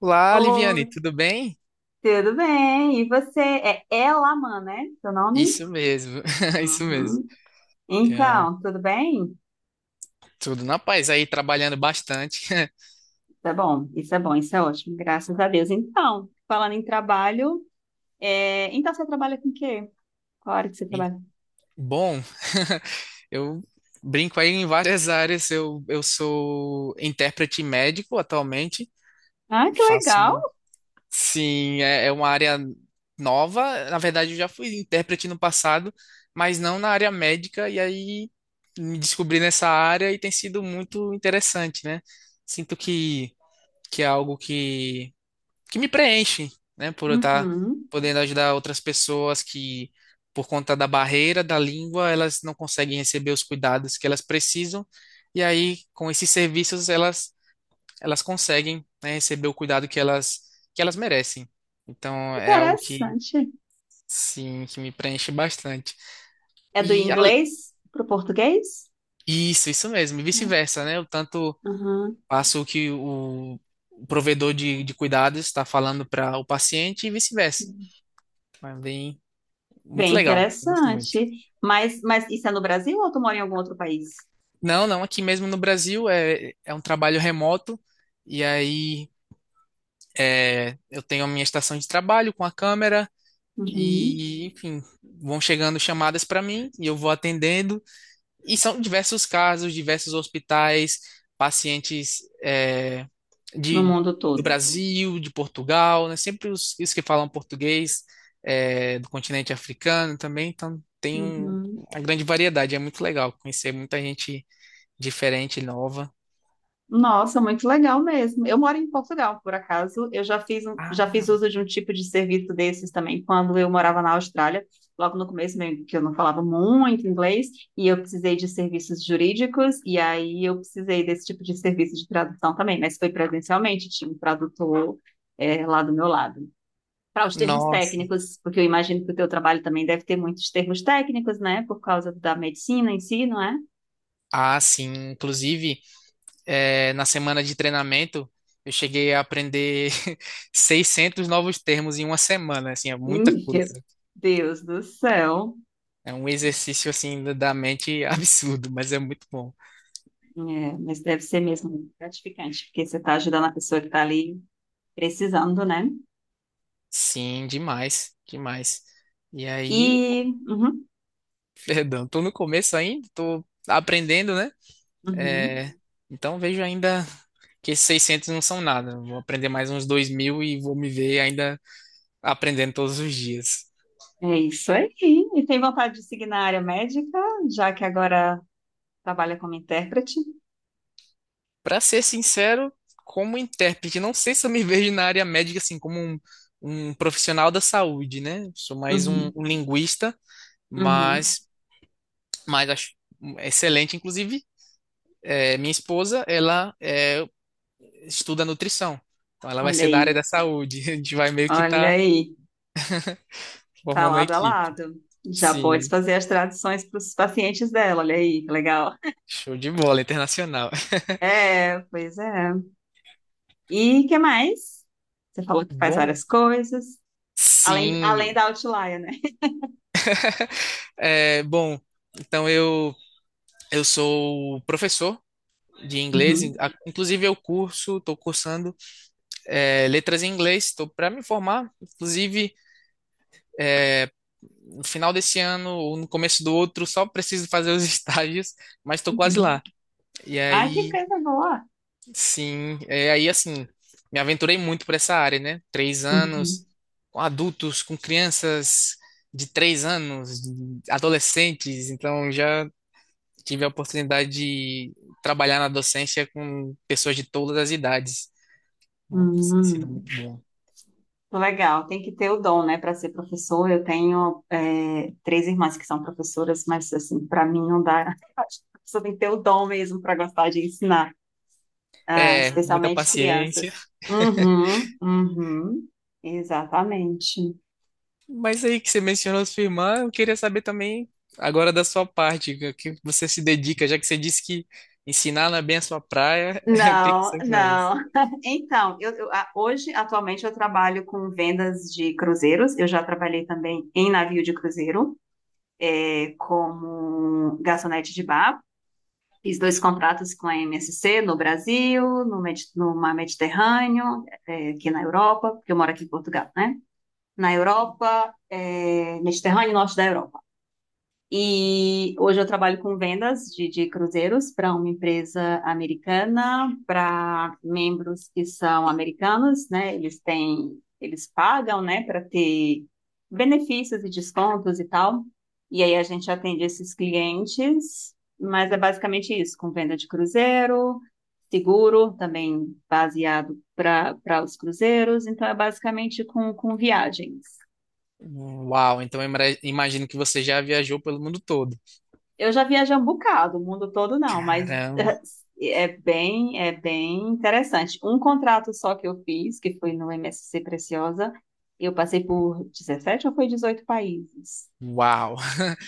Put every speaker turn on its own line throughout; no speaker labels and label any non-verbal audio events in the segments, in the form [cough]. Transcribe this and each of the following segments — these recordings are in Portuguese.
Olá,
Oi,
Liviane, tudo bem?
tudo bem? E você? É Elaman, né? Seu nome?
Isso mesmo, [laughs] isso mesmo.
Uhum.
Tem,
Então, tudo bem?
tudo na paz aí, trabalhando bastante. [laughs]
Tá bom, isso é ótimo, graças a Deus. Então, falando em trabalho, então você trabalha com o quê? Qual área que você
Hein?
trabalha?
Bom, [laughs] eu brinco aí em várias áreas. Eu sou intérprete médico atualmente.
Ah, que legal!
Faço. Sim, é uma área nova. Na verdade, eu já fui intérprete no passado, mas não na área médica. E aí me descobri nessa área e tem sido muito interessante, né? Sinto que é algo que me preenche, né? Por eu estar
Uhum.
podendo ajudar outras pessoas que, por conta da barreira da língua, elas não conseguem receber os cuidados que elas precisam. E aí, com esses serviços, elas conseguem, né, receber o cuidado que elas merecem. Então, é algo que,
Interessante.
sim, que me preenche bastante.
É do
E a-
inglês para o português?
isso, isso mesmo, e
É.
vice-versa, né? Eu tanto
Uhum.
passo o que o provedor de cuidados está falando para o paciente e vice-versa. Mas bem, muito
Bem
legal. Eu gosto muito.
interessante. Mas isso é no Brasil ou tu mora em algum outro país?
Não, não, aqui mesmo no Brasil é um trabalho remoto, e aí eu tenho a minha estação de trabalho com a câmera,
Uhum.
e enfim, vão chegando chamadas para mim e eu vou atendendo. E são diversos casos, diversos hospitais, pacientes
No
de,
mundo
do
todo?
Brasil, de Portugal, né? Sempre os que falam português, é, do continente africano também, então tem
Uhum.
uma grande variedade, é muito legal conhecer muita gente diferente, nova.
Nossa, muito legal mesmo. Eu moro em Portugal, por acaso. Eu já fiz
Ah,
uso de um tipo de serviço desses também quando eu morava na Austrália. Logo no começo, meio que eu não falava muito inglês, e eu precisei de serviços jurídicos, e aí eu precisei desse tipo de serviço de tradução também, mas foi presencialmente, tinha um tradutor, lá do meu lado. Para os termos
nossa.
técnicos, porque eu imagino que o teu trabalho também deve ter muitos termos técnicos, né? Por causa da medicina em si, não é?
Ah, sim. Inclusive, na semana de treinamento, eu cheguei a aprender [laughs] 600 novos termos em uma semana. Assim, é
Meu
muita coisa.
Deus do céu.
É um exercício, assim, da mente [laughs] absurdo, mas é muito bom.
É, mas deve ser mesmo gratificante, porque você está ajudando a pessoa que está ali precisando, né?
Sim, demais, demais. E aí,
E
pô,
uhum,
[laughs] perdão, tô no começo ainda, tô aprendendo, né?
uhum,
Eh, então vejo ainda que esses 600 não são nada. Vou aprender mais uns 2.000 e vou me ver ainda aprendendo todos os dias.
é isso aí. E tem vontade de seguir na área médica, já que agora trabalha como intérprete?
Pra ser sincero, como intérprete, não sei se eu me [laughs] vejo na área médica assim como um profissional da saúde, né? Sou mais um,
Uhum,
um linguista,
uhum.
mas, mas acho excelente. Inclusive, minha esposa, ela estuda nutrição, então ela vai
Olha
ser da área
aí,
da saúde. [laughs] A gente vai meio que
olha
tá
aí, tá
formando uma
lado a
equipe.
lado. Já pode
Sim,
fazer as traduções para os pacientes dela, olha aí, que legal.
show de bola, internacional. [laughs]
É, pois é. E que mais? Você falou que faz
Bom,
várias coisas, além
sim.
da Outlier, né?
É, bom, então eu sou professor de inglês.
Uhum.
Inclusive, eu curso, estou cursando letras em inglês, estou para me formar. Inclusive, é, no final desse ano ou no começo do outro, só preciso fazer os [laughs] estágios, mas estou quase
Uhum.
lá. E
Ai, que
aí,
coisa boa!
sim, aí assim, me aventurei muito por essa área, né? 3 anos
Uhum.
com adultos, com crianças de 3 anos, adolescentes, então já tive a oportunidade de trabalhar na docência com pessoas de todas as idades. Nossa, tem sido
Hum,
muito bom.
legal, tem que ter o dom, né, para ser professor. Eu tenho três irmãs que são professoras, mas assim, para mim não dá. [laughs] Você tem que ter o dom mesmo para gostar de ensinar, ah,
É, muita
especialmente crianças.
paciência.
Uhum, uhum, exatamente.
Mas aí que você mencionou sua irmã, eu queria saber também agora da sua parte, o que você se dedica, já que você disse que ensinar não é bem a sua praia, [laughs] o que que
Não,
você faz?
não. [laughs] Então, hoje, atualmente, eu trabalho com vendas de cruzeiros. Eu já trabalhei também em navio de cruzeiro. Como garçonete de bar. Fiz dois contratos com a MSC no Brasil, no Mar Mediterrâneo, aqui na Europa, porque eu moro aqui em Portugal, né? Na Europa, Mediterrâneo e Norte da Europa. E hoje eu trabalho com vendas de cruzeiros para uma empresa americana, para membros que são americanos, né? Eles pagam, né, para ter benefícios e descontos e tal. E aí a gente atende esses clientes, mas é basicamente isso, com venda de cruzeiro, seguro, também baseado para os cruzeiros, então é basicamente com viagens.
Uau, então eu imagino que você já viajou pelo mundo todo.
Eu já viajei um bocado, o mundo todo não, mas
Caramba,
[laughs] é bem interessante. Um contrato só que eu fiz, que foi no MSC Preciosa, eu passei por 17 ou foi 18 países?
uau.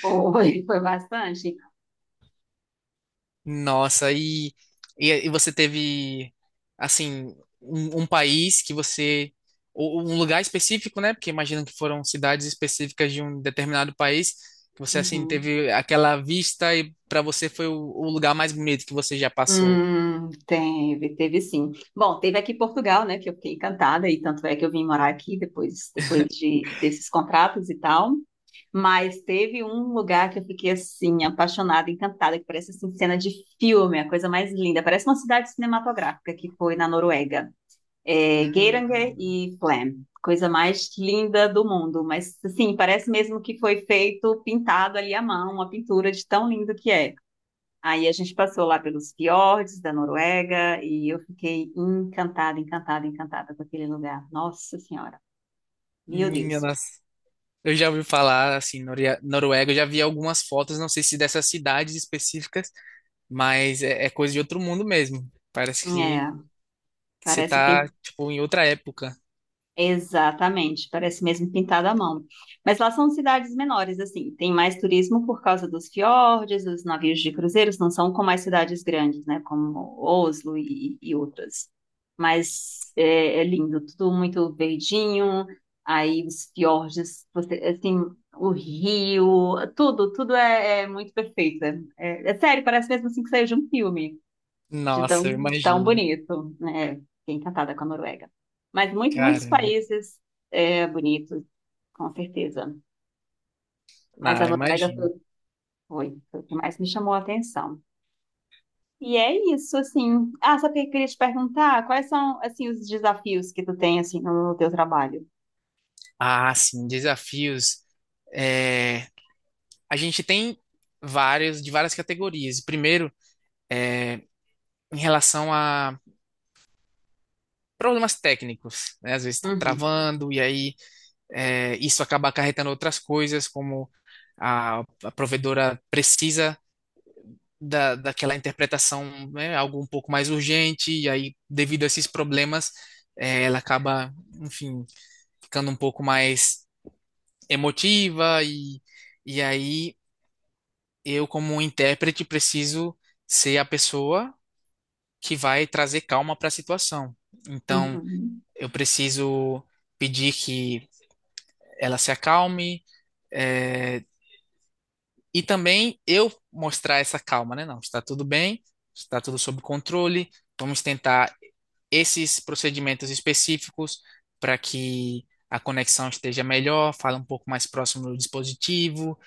Foi, [laughs] foi bastante.
Nossa, e você teve, assim, um país que você, ou um lugar específico, né? Porque imagino que foram cidades específicas de um determinado país, que você, assim,
Uhum.
teve aquela vista e para você foi o lugar mais bonito que você já passou.
Teve sim. Bom, teve aqui em Portugal, né, que eu fiquei encantada, e tanto é que eu vim morar aqui depois, desses contratos e tal. Mas teve um lugar que eu fiquei assim, apaixonada, encantada, que parece assim, cena de filme, a coisa mais linda. Parece uma cidade cinematográfica que foi na Noruega. É, Geiranger
Hum,
e Flem. Coisa mais linda do mundo. Mas assim, parece mesmo que foi feito, pintado ali à mão, uma pintura de tão lindo que é. Aí a gente passou lá pelos fiordes da Noruega e eu fiquei encantada, encantada, encantada com aquele lugar. Nossa Senhora, meu
minha
Deus.
nossa. Eu já ouvi falar, assim, Noruega, eu já vi algumas fotos, não sei se dessas cidades específicas, mas é coisa de outro mundo mesmo. Parece que,
É,
que você
parece
tá,
pin-
tipo, em outra época.
exatamente, parece mesmo pintado à mão. Mas lá são cidades menores, assim, tem mais turismo por causa dos fiordes, dos navios de cruzeiros, não são como as cidades grandes, né, como Oslo e outras. Mas é lindo, tudo muito verdinho, aí os fiordes, assim, o rio, tudo é muito perfeito. É sério, parece mesmo assim que saiu de um filme de tão,
Nossa, eu
tão
imagino.
bonito, né? Fiquei encantada com a Noruega. Mas muitos
Caramba.
países bonitos, com certeza. Mas
Ah,
a
eu
Noruega foi,
imagino.
foi, foi o que mais me chamou a atenção. E é isso, assim. Ah, sabe o que eu queria te perguntar? Quais são, assim, os desafios que tu tem, assim, no teu trabalho?
Ah, sim, desafios. É, a gente tem vários, de várias categorias. Primeiro, em relação a problemas técnicos, né? Às vezes está
Uhum,
travando, e aí isso acaba acarretando outras coisas, como a provedora precisa daquela interpretação, né? Algo um pouco mais urgente, e aí, devido a esses problemas, ela acaba, enfim, ficando um pouco mais emotiva e aí eu, como um intérprete, preciso ser a pessoa que vai trazer calma para a situação. Então,
uhum,
eu preciso pedir que ela se acalme, eh, e também eu mostrar essa calma, né? Não, está tudo bem, está tudo sob controle, vamos tentar esses procedimentos específicos para que a conexão esteja melhor, fala um pouco mais próximo do dispositivo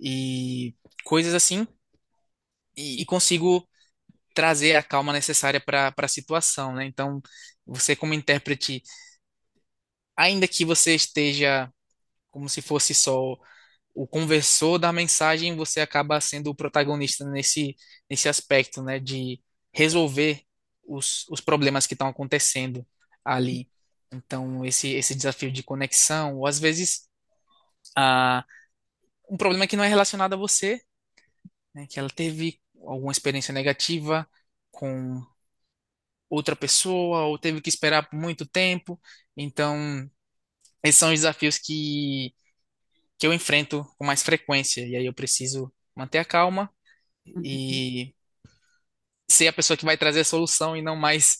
e coisas assim, e consigo trazer a calma necessária para a situação, né? Então, você como intérprete, ainda que você esteja como se fosse só o conversor da mensagem, você acaba sendo o protagonista nesse aspecto, né, de resolver os problemas que estão acontecendo ali. Então, esse desafio de conexão, ou às vezes a, um problema que não é relacionado a você, né, que ela teve alguma experiência negativa com outra pessoa, ou teve que esperar por muito tempo. Então, esses são os desafios que eu enfrento com mais frequência, e aí eu preciso manter a calma
uhum,
e ser a pessoa que vai trazer a solução e não mais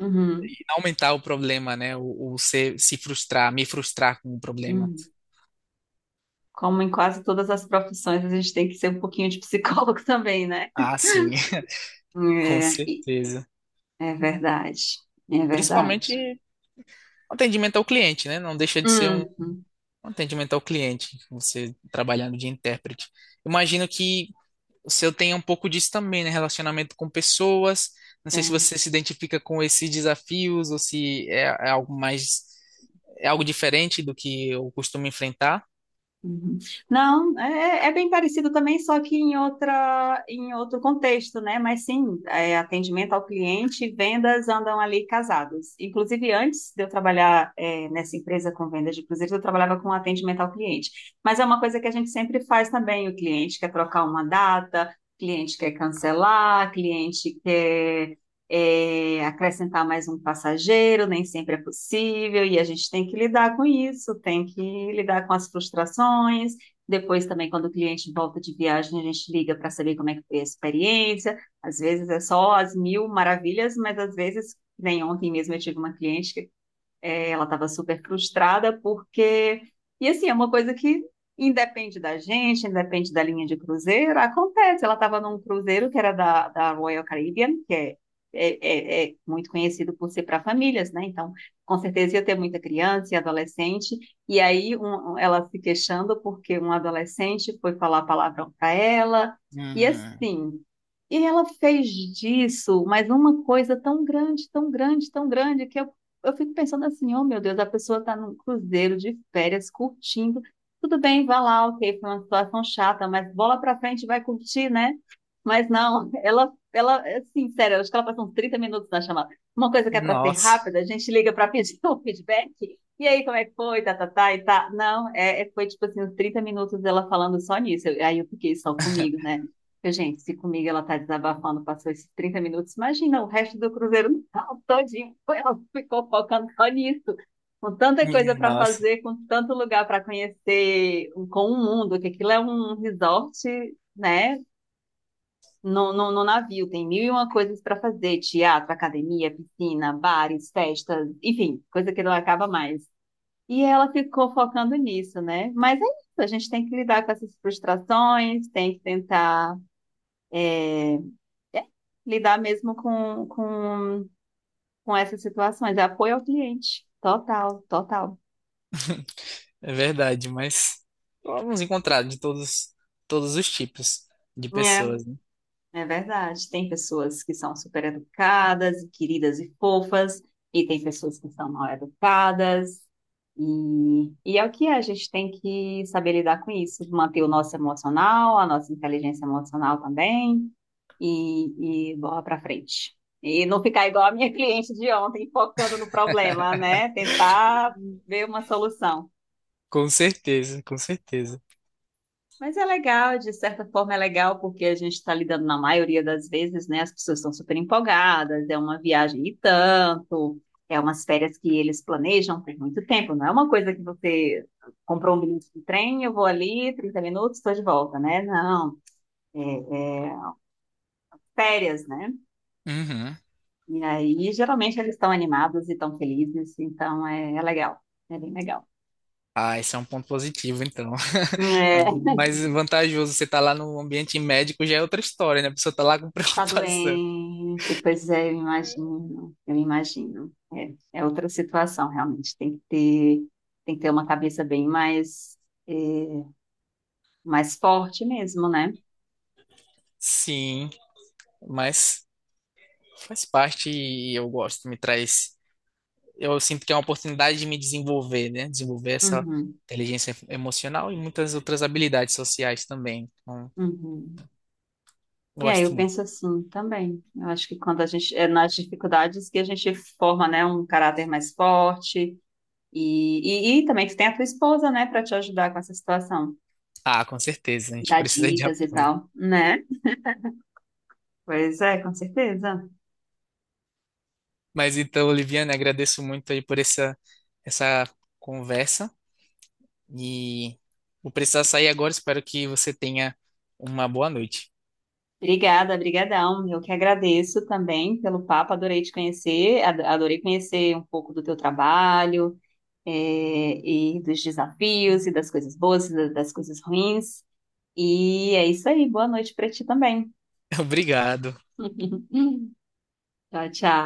uhum,
e não aumentar o problema, né? Ou se frustrar, me frustrar com o problema.
uhum. Como em quase todas as profissões, a gente tem que ser um pouquinho de psicólogo [laughs] também, né?
Ah, sim, [laughs] com
É,
certeza.
é verdade, é verdade.
Principalmente atendimento ao cliente, né? Não deixa de ser um
Uhum,
um atendimento ao cliente, você trabalhando de intérprete. Imagino que o seu tem um pouco disso também, né? Relacionamento com pessoas. Não sei se
tem.
você se identifica com esses desafios ou se é algo mais, é algo diferente do que eu costumo enfrentar.
Uhum. Não, é bem parecido também, só que em em outro contexto, né? Mas sim, atendimento ao cliente e vendas andam ali casados. Inclusive, antes de eu trabalhar, nessa empresa com vendas de cruzeiros, eu trabalhava com atendimento ao cliente. Mas é uma coisa que a gente sempre faz também. O cliente quer trocar uma data, cliente quer cancelar, cliente quer acrescentar mais um passageiro, nem sempre é possível, e a gente tem que lidar com isso, tem que lidar com as frustrações. Depois também, quando o cliente volta de viagem, a gente liga para saber como é que foi a experiência. Às vezes é só as mil maravilhas, mas às vezes, nem ontem mesmo eu tive uma cliente que ela estava super frustrada porque. E assim, é uma coisa que independe da gente, independe da linha de cruzeiro, acontece. Ela estava num cruzeiro que era da Royal Caribbean, que é, é muito conhecido por ser para famílias, né? Então, com certeza ia ter muita criança e adolescente. E aí, ela se queixando porque um adolescente foi falar palavrão para ela. E
Hum,
assim, e ela fez disso, mas uma coisa tão grande, tão grande, tão grande, que eu fico pensando assim, oh meu Deus, a pessoa está num cruzeiro de férias, curtindo. Tudo bem, vai lá, ok, foi uma situação chata, mas bola pra frente, vai curtir, né? Mas não, [laughs] ela, é assim, sério, eu acho que ela passou uns 30 minutos na chamada. Uma coisa que é para ser
nossa,
rápida, a gente liga para pedir [laughs] o feedback. E aí, como é que foi? Tá, tá, tá, e tá. Não, foi tipo assim, uns 30 minutos dela falando só nisso. Aí eu fiquei só comigo,
[laughs]
né? Porque, gente, se comigo ela tá desabafando, passou esses 30 minutos, imagina o resto do Cruzeiro [laughs] no tal todinho. Ela ficou focando só nisso. Com tanta
minha
coisa para
nossa.
fazer, com tanto lugar para conhecer, com o mundo, que aquilo é um resort, né? No navio, tem mil e uma coisas para fazer: teatro, academia, piscina, bares, festas, enfim, coisa que não acaba mais. E ela ficou focando nisso, né? Mas é isso, a gente tem que lidar com essas frustrações, tem que tentar lidar mesmo com essas situações. É apoio ao cliente. Total, total.
É verdade, mas vamos encontrar de todos os tipos de pessoas,
É,
né?
é verdade. Tem pessoas que são super educadas, queridas e fofas, e tem pessoas que são mal educadas. E é o que é, a gente tem que saber lidar com isso, manter o nosso emocional, a nossa inteligência emocional também, e bola pra frente. E não ficar igual a minha [laughs] cliente de ontem, focando no problema, né? Tentar ver uma solução.
Com certeza, com certeza.
Mas é legal, de certa forma é legal, porque a gente está lidando, na maioria das vezes, né? As pessoas estão super empolgadas, é uma viagem e tanto, é umas férias que eles planejam por muito tempo, não é uma coisa que você comprou um bilhete de trem, eu vou ali, 30 minutos, estou de volta, né? Não, é férias, né?
Uhum.
E aí, geralmente, eles estão animados e estão felizes, então é legal, é bem legal.
Ah, esse é um ponto positivo, então. [laughs]
É,
Mais vantajoso você tá lá no ambiente médico já é outra história, né? A pessoa tá lá com [laughs]
tá
preocupação.
doente, pois é, eu imagino, eu imagino. É outra situação, realmente. Tem que ter uma cabeça bem mais, é, mais forte mesmo, né?
Sim, mas faz parte e eu gosto, me traz. Eu sinto que é uma oportunidade de me desenvolver, né? Desenvolver essa
Uhum,
inteligência emocional e muitas outras habilidades sociais também. Então,
uhum. E aí eu
gosto.
penso assim também. Eu acho que quando a gente, é nas dificuldades que a gente forma, né, um caráter mais forte e também que tem a tua esposa, né, para te ajudar com essa situação,
Ah, com certeza, a gente
dar
precisa de [laughs]
dicas e
apoio.
tal, né? Pois é, com certeza.
Mas então, Oliviana, agradeço muito aí por essa conversa e vou precisar sair agora. Espero que você tenha uma boa noite.
Obrigada, brigadão. Eu que agradeço também pelo papo, adorei te conhecer, adorei conhecer um pouco do teu trabalho, é, e dos desafios, e das coisas boas, e das coisas ruins. E é isso aí, boa noite para ti também.
[laughs] Obrigado.
[laughs] Tchau, tchau.